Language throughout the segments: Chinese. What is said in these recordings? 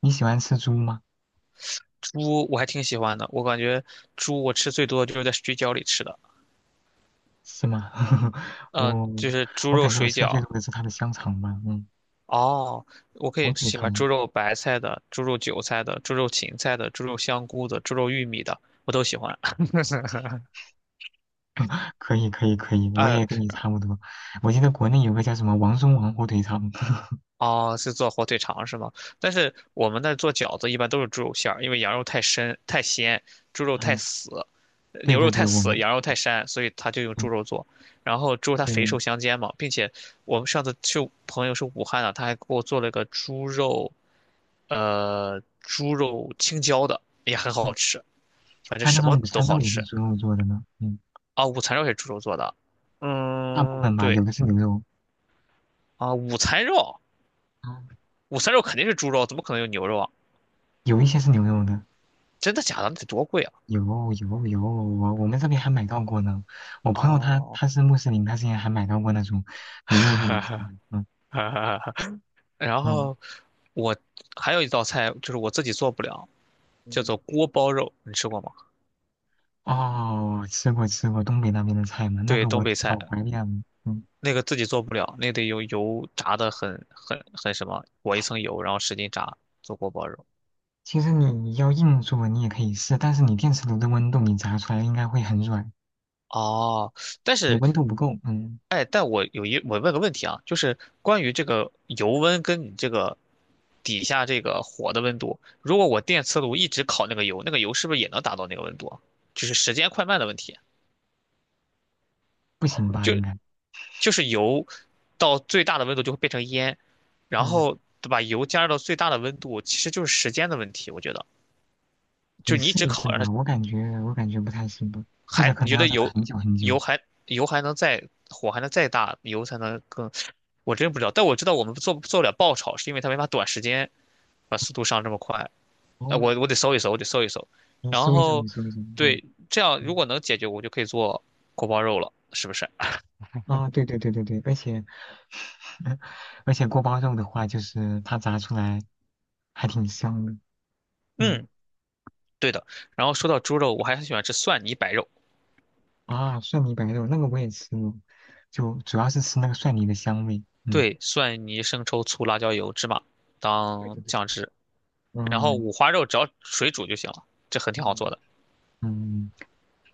你喜欢吃猪吗？猪我还挺喜欢的，我感觉猪我吃最多就是在水饺里吃的，是吗？我就是猪我肉感觉我水吃的最饺。多的是它的香肠吧，哦，我可火以腿喜欢肠猪肉白菜的、猪肉韭菜的、猪肉芹菜的、猪肉香菇的、猪肉玉米的，我都喜欢。可以可以可以，我呃，也跟你差不多。我记得国内有个叫什么王中王火腿肠。哦，是做火腿肠是吗？但是我们那做饺子一般都是猪肉馅儿，因为羊肉太深太鲜，猪 肉太嗯，死，对牛对肉对，太我死，们羊肉太膻，所以他就用猪嗯肉做。然后猪肉它肥对瘦相间嘛，并且我们上次去朋友是武汉的，他还给我做了个猪肉，猪肉青椒的，也很好嗯，吃，反正还有那什种么午都餐肉好也是吃猪肉做的呢，啊。午餐肉也是猪肉做的，大部嗯，分吧，有对的是牛肉。啊，午餐肉，嗯午餐肉肯定是猪肉，怎么可能有牛肉啊？有一些是牛肉的。真的假的？那得多贵啊！有有有，我们这边还买到过呢。我朋友他哦。他是穆斯林，他之前还买到过那种牛肉做的午餐的。嗯 然嗯。后我还有一道菜就是我自己做不了，叫嗯。做锅包肉，你吃过吗？哦，吃过吃过东北那边的菜嘛，那对，个东我北菜老怀念了。嗯，那个自己做不了，那得用油炸的很什么，裹一层油，然后使劲炸做锅包肉。其实你要硬做你也可以试，但是你电磁炉的温度你炸出来应该会很软，哦，但你是温度不够。嗯。哎，但我有一我问个问题啊，就是关于这个油温跟你这个底下这个火的温度，如果我电磁炉一直烤那个油，那个油是不是也能达到那个温度啊，就是时间快慢的问题。不行吧应就该。就是油到最大的温度就会变成烟，然嗯，后把油加热到最大的温度，其实就是时间的问题，我觉得，你就是你一试直一试烤，让它吧，我感觉不太行吧。或者还可你能觉要得炸油很久很久。油还油还能再，火还能再大，油才能更？我真不知道，但我知道我们做做不了爆炒，是因为它没法短时间把速度上这么快。呃，哦，我我得搜一搜，我得搜一搜。你然搜一搜，你后，搜一搜。嗯对，这样如嗯，果能解决，我就可以做锅包肉了，是不是？啊，对对对对对。而且锅包肉的话，就是它炸出来还挺香的。嗯。嗯，对的。然后说到猪肉，我还很喜欢吃蒜泥白肉，啊，蒜泥白肉那个我也吃过，就主要是吃那个蒜泥的香味。嗯，对，蒜泥、生抽、醋、辣椒油、芝麻对对当对，酱汁。然后嗯五花肉只要水煮就行了，这很挺好做嗯，的。嗯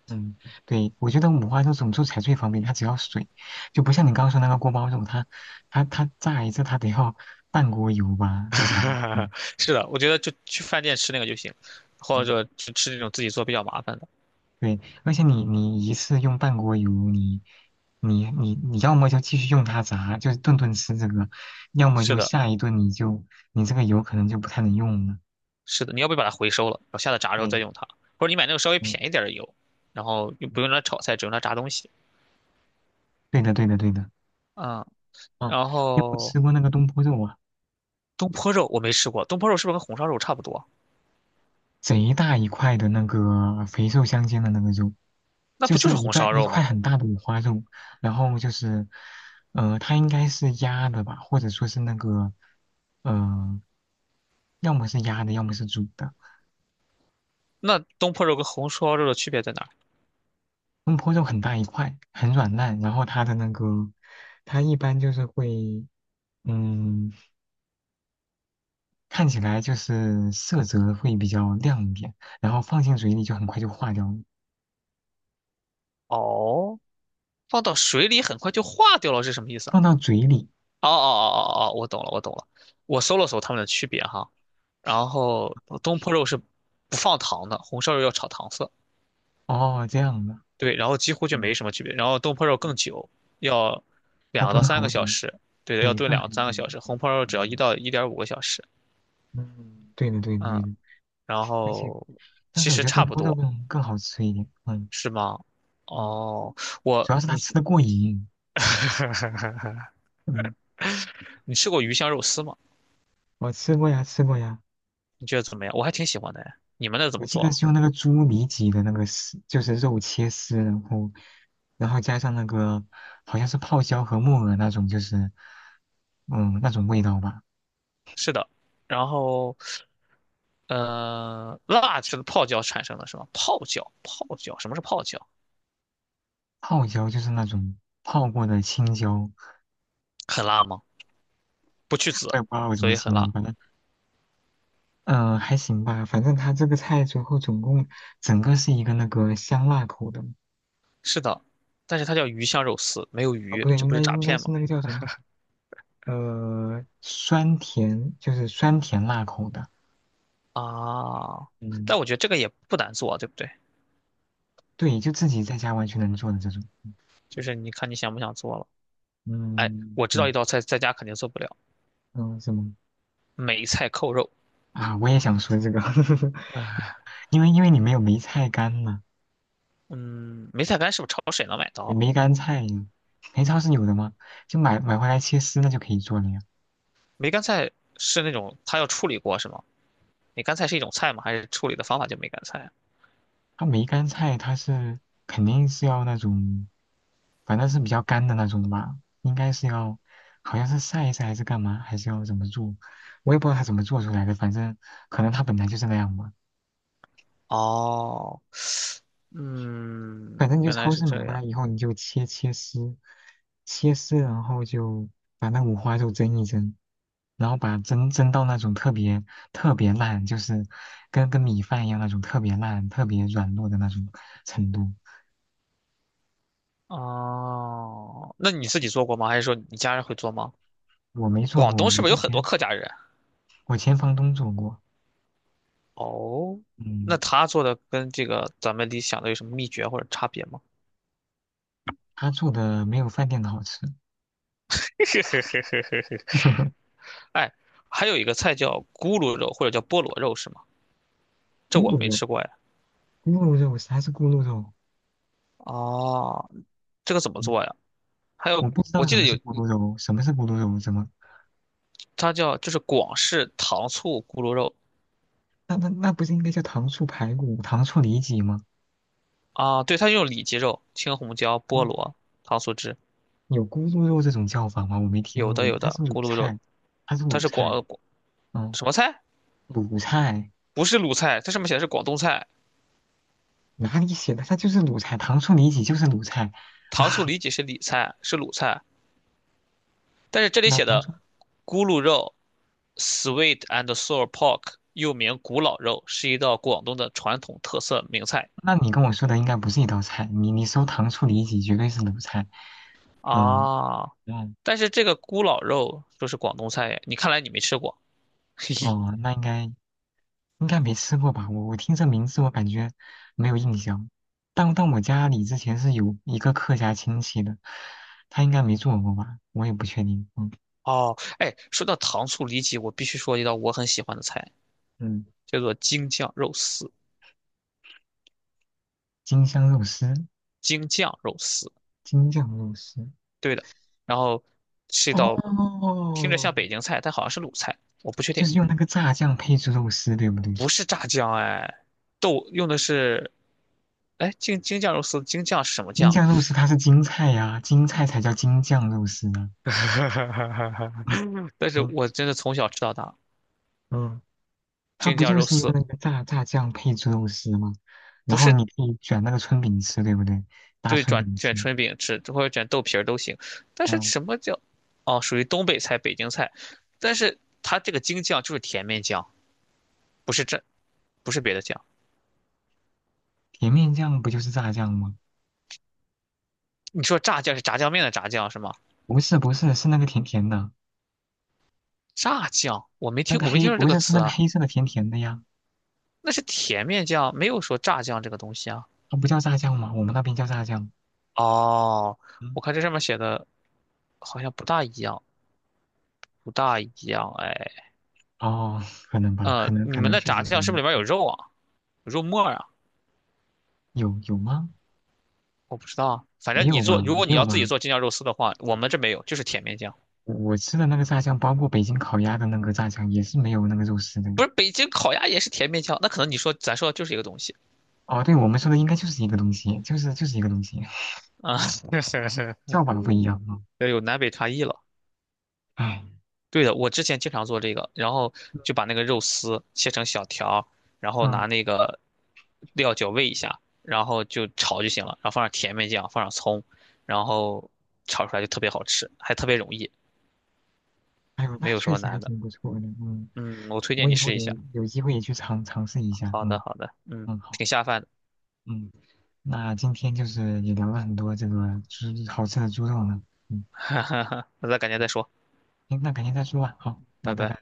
嗯，对，我觉得五花肉怎么做才最方便，它只要水，就不像你刚刚说那个锅包肉，它炸一次它得要半锅油吧，至少。嗯 是的，我觉得就去饭店吃那个就行，或嗯，者吃吃那种自己做比较麻烦的。对，而且你一次用半锅油，你要么就继续用它炸，就是顿顿吃这个，要么是就的，下一顿你这个油可能就不太能用了。是的，你要不把它回收了，然后下次炸之后再对，用它，或者你买那种稍微嗯。便宜点儿的油，然后又不用它炒菜，只用来炸东西。对的，对的，对的。嗯。嗯，然你有没有后吃过那个东坡肉啊？东坡肉我没吃过，东坡肉是不是跟红烧肉差不多？贼大一块的那个肥瘦相间的那个肉，那就不就是是红烧一肉吗？块很大的五花肉，然后就是，它应该是鸭的吧，或者说是那个，呃，要么是鸭的，要么是煮的。那东坡肉跟红烧肉的区别在哪儿？东坡肉很大一块，很软烂，然后它的那个，它一般就是会，嗯，看起来就是色泽会比较亮一点，然后放进嘴里就很快就化掉了。哦，放到水里很快就化掉了，是什么意思啊？放到嘴里。哦哦哦哦哦，我懂了，我懂了。我搜了搜它们的区别哈，然后东坡肉是不放糖的，红烧肉要炒糖色，哦，这样的。对，然后几乎就嗯没什么区别。然后东坡肉更久，要还两到炖三好个久，小时，对的，要对，炖炖两很三个久。小时。红烧肉只要1到1.5个小时。嗯，对的，对的，嗯，对的。然而且，后但其是我实觉得东差不坡肉多，更好吃一点。嗯。是吗？嗯哦，主要是它你。 吃的过瘾。嗯，你吃过鱼香肉丝吗？我吃过呀，吃过呀。你觉得怎么样？我还挺喜欢的哎，你们那怎我么记做得啊？是用那个猪里脊的那个丝，就是肉切丝，然后，加上那个好像是泡椒和木耳那种，就是，那种味道吧。是的。然后辣是泡椒产生的是吗？泡椒，泡椒，什么是泡椒？泡椒就是那种泡过的青椒。很辣吗？不去我也籽，不知道我怎所么以很形辣。容，反正还行吧，反正它这个菜最后总共整个是一个那个香辣口的。是的。但是它叫鱼香肉丝，没有啊鱼，不对，这应不该是诈应该骗吗？是那个叫什么酸甜，就是酸甜辣口的。啊，嗯，但我觉得这个也不难做啊，对不对？对，就自己在家完全能做的这种。就是你看你想不想做了。哎，嗯，我知对。道一道菜在家肯定做不了，嗯，什么梅菜扣肉。啊？我也想说这个。因为你没有梅菜干嘛。嗯，梅菜干是不是超市也能买到？梅干菜呀，梅超是有的吗？就买回来切丝那就可以做了呀。梅干菜是那种它要处理过是吗？梅干菜是一种菜吗？还是处理的方法叫梅干菜啊？梅干菜它是肯定是要那种，反正是比较干的那种的吧，应该是要，好像是晒一晒还是干嘛，还是要怎么做，我也不知道它怎么做出来的，反正可能它本来就是那样吧。哦，嗯，反正你就原来超是市买这回样。来以后，你就切切丝，切丝，然后就把那五花肉蒸一蒸，然后把蒸到那种特别特别烂，就是跟米饭一样那种特别烂、特别软糯的那种程度。哦，那你自己做过吗？还是说你家人会做吗？我没做广过，东是我不是之有很多前。客家人？我前房东做过。哦，那嗯，他做的跟这个咱们理想的有什么秘诀或者差别吗？他做的没有饭店的好吃。嘿嘿嘿嘿嘿嘿。 哎，还有一个菜叫咕噜肉或者叫菠萝肉是吗？咕这我噜没肉，吃过呀。咕噜肉，啥是咕噜肉？哦，这个怎么嗯，做呀？还我有，不知道我记什得么是有咕噜肉，什么是咕噜肉？怎么？它叫就是广式糖醋咕噜肉。那不是应该叫糖醋排骨、糖醋里脊吗？啊，对，它用里脊肉、青红椒、菠哦，萝、糖醋汁。有咕噜肉这种叫法吗？我没听有的过，有它的，是卤咕噜肉，菜，它是它卤是广菜，呃广嗯，什么菜？卤菜。不是鲁菜，它上面写的是广东菜。哪里写的？它就是卤菜，糖醋里脊就是卤菜。糖醋里脊是里菜，是鲁菜，但是这里那写的糖醋，咕噜肉（ （sweet and sour pork） 又名古老肉，是一道广东的传统特色名菜。那你跟我说的应该不是一道菜，你搜糖醋里脊绝对是卤菜。嗯。啊，嗯但是这个咕老肉说是广东菜耶，你看来你没吃过。嘿嘿。哦，那应该没吃过吧？我听这名字，我感觉没有印象。但我家里之前是有一个客家亲戚的，他应该没做过吧？我也不确定。嗯。哦，哎，说到糖醋里脊，我必须说一道我很喜欢的菜，嗯，叫做京酱肉丝。京香肉丝，京酱肉丝，京酱肉丝。对的。然后是一道听着像哦，北京菜，但好像是鲁菜，我不确就定。是用那个炸酱配制肉丝，对不对？不是炸酱哎，豆用的是哎京京酱肉丝，京酱是什么京酱？酱肉丝它是京菜呀、京菜才叫京酱肉丝呢。嗯 但是嗯我真的从小吃到大。嗯。它京不酱就肉是用丝那个炸酱配猪肉丝吗？不然后是，你可以卷那个春饼吃，对不对？搭对，春转饼吃。卷春饼吃，或者卷豆皮儿都行。但是嗯。什么叫哦，属于东北菜、北京菜。但是它这个京酱就是甜面酱，不是这不是别的酱。甜面酱不就是炸酱吗？你说炸酱是炸酱面的炸酱是吗？不是不是，是那个甜甜的，炸酱，我没那听，个我没听黑说这不个是是词那个啊。黑色的甜甜的呀，那是甜面酱，没有说炸酱这个东西啊。它不叫炸酱吗？我们那边叫炸酱。哦，嗯。我看这上面写的好像不大一样，不大一样。哎，哦，可能吧，可能你可们能的确炸实不酱一是不样。是里面有肉啊？有肉末儿啊？有有吗？我不知道啊。反没正你有做，吧，如果没你有要自己吧。做京酱肉丝的话，我们这没有，就是甜面酱。我吃的那个炸酱，包括北京烤鸭的那个炸酱，也是没有那个肉丝的。不是，北京烤鸭也是甜面酱，那可能咱说的就是一个东西哦，对，我们说的应该就是一个东西，就是一个东西。啊。叫法不一样啊。这有南北差异了。哎。对的，我之前经常做这个，然后就把那个肉丝切成小条儿，然后嗯。拿那个料酒煨一下，然后就炒就行了，然后放上甜面酱，放上葱，然后炒出来就特别好吃，还特别容易，哎呦，没那有什确么实还难的。挺不错的。嗯，嗯，我推我荐你以后试一也下。有机会也去尝尝试一下。好的，嗯。好的，嗯，嗯，好，挺下饭的，嗯，那今天就是也聊了很多这个猪好吃的猪肉呢。嗯，那咱改天再说。行，那改天再说吧。好，那拜拜拜。拜。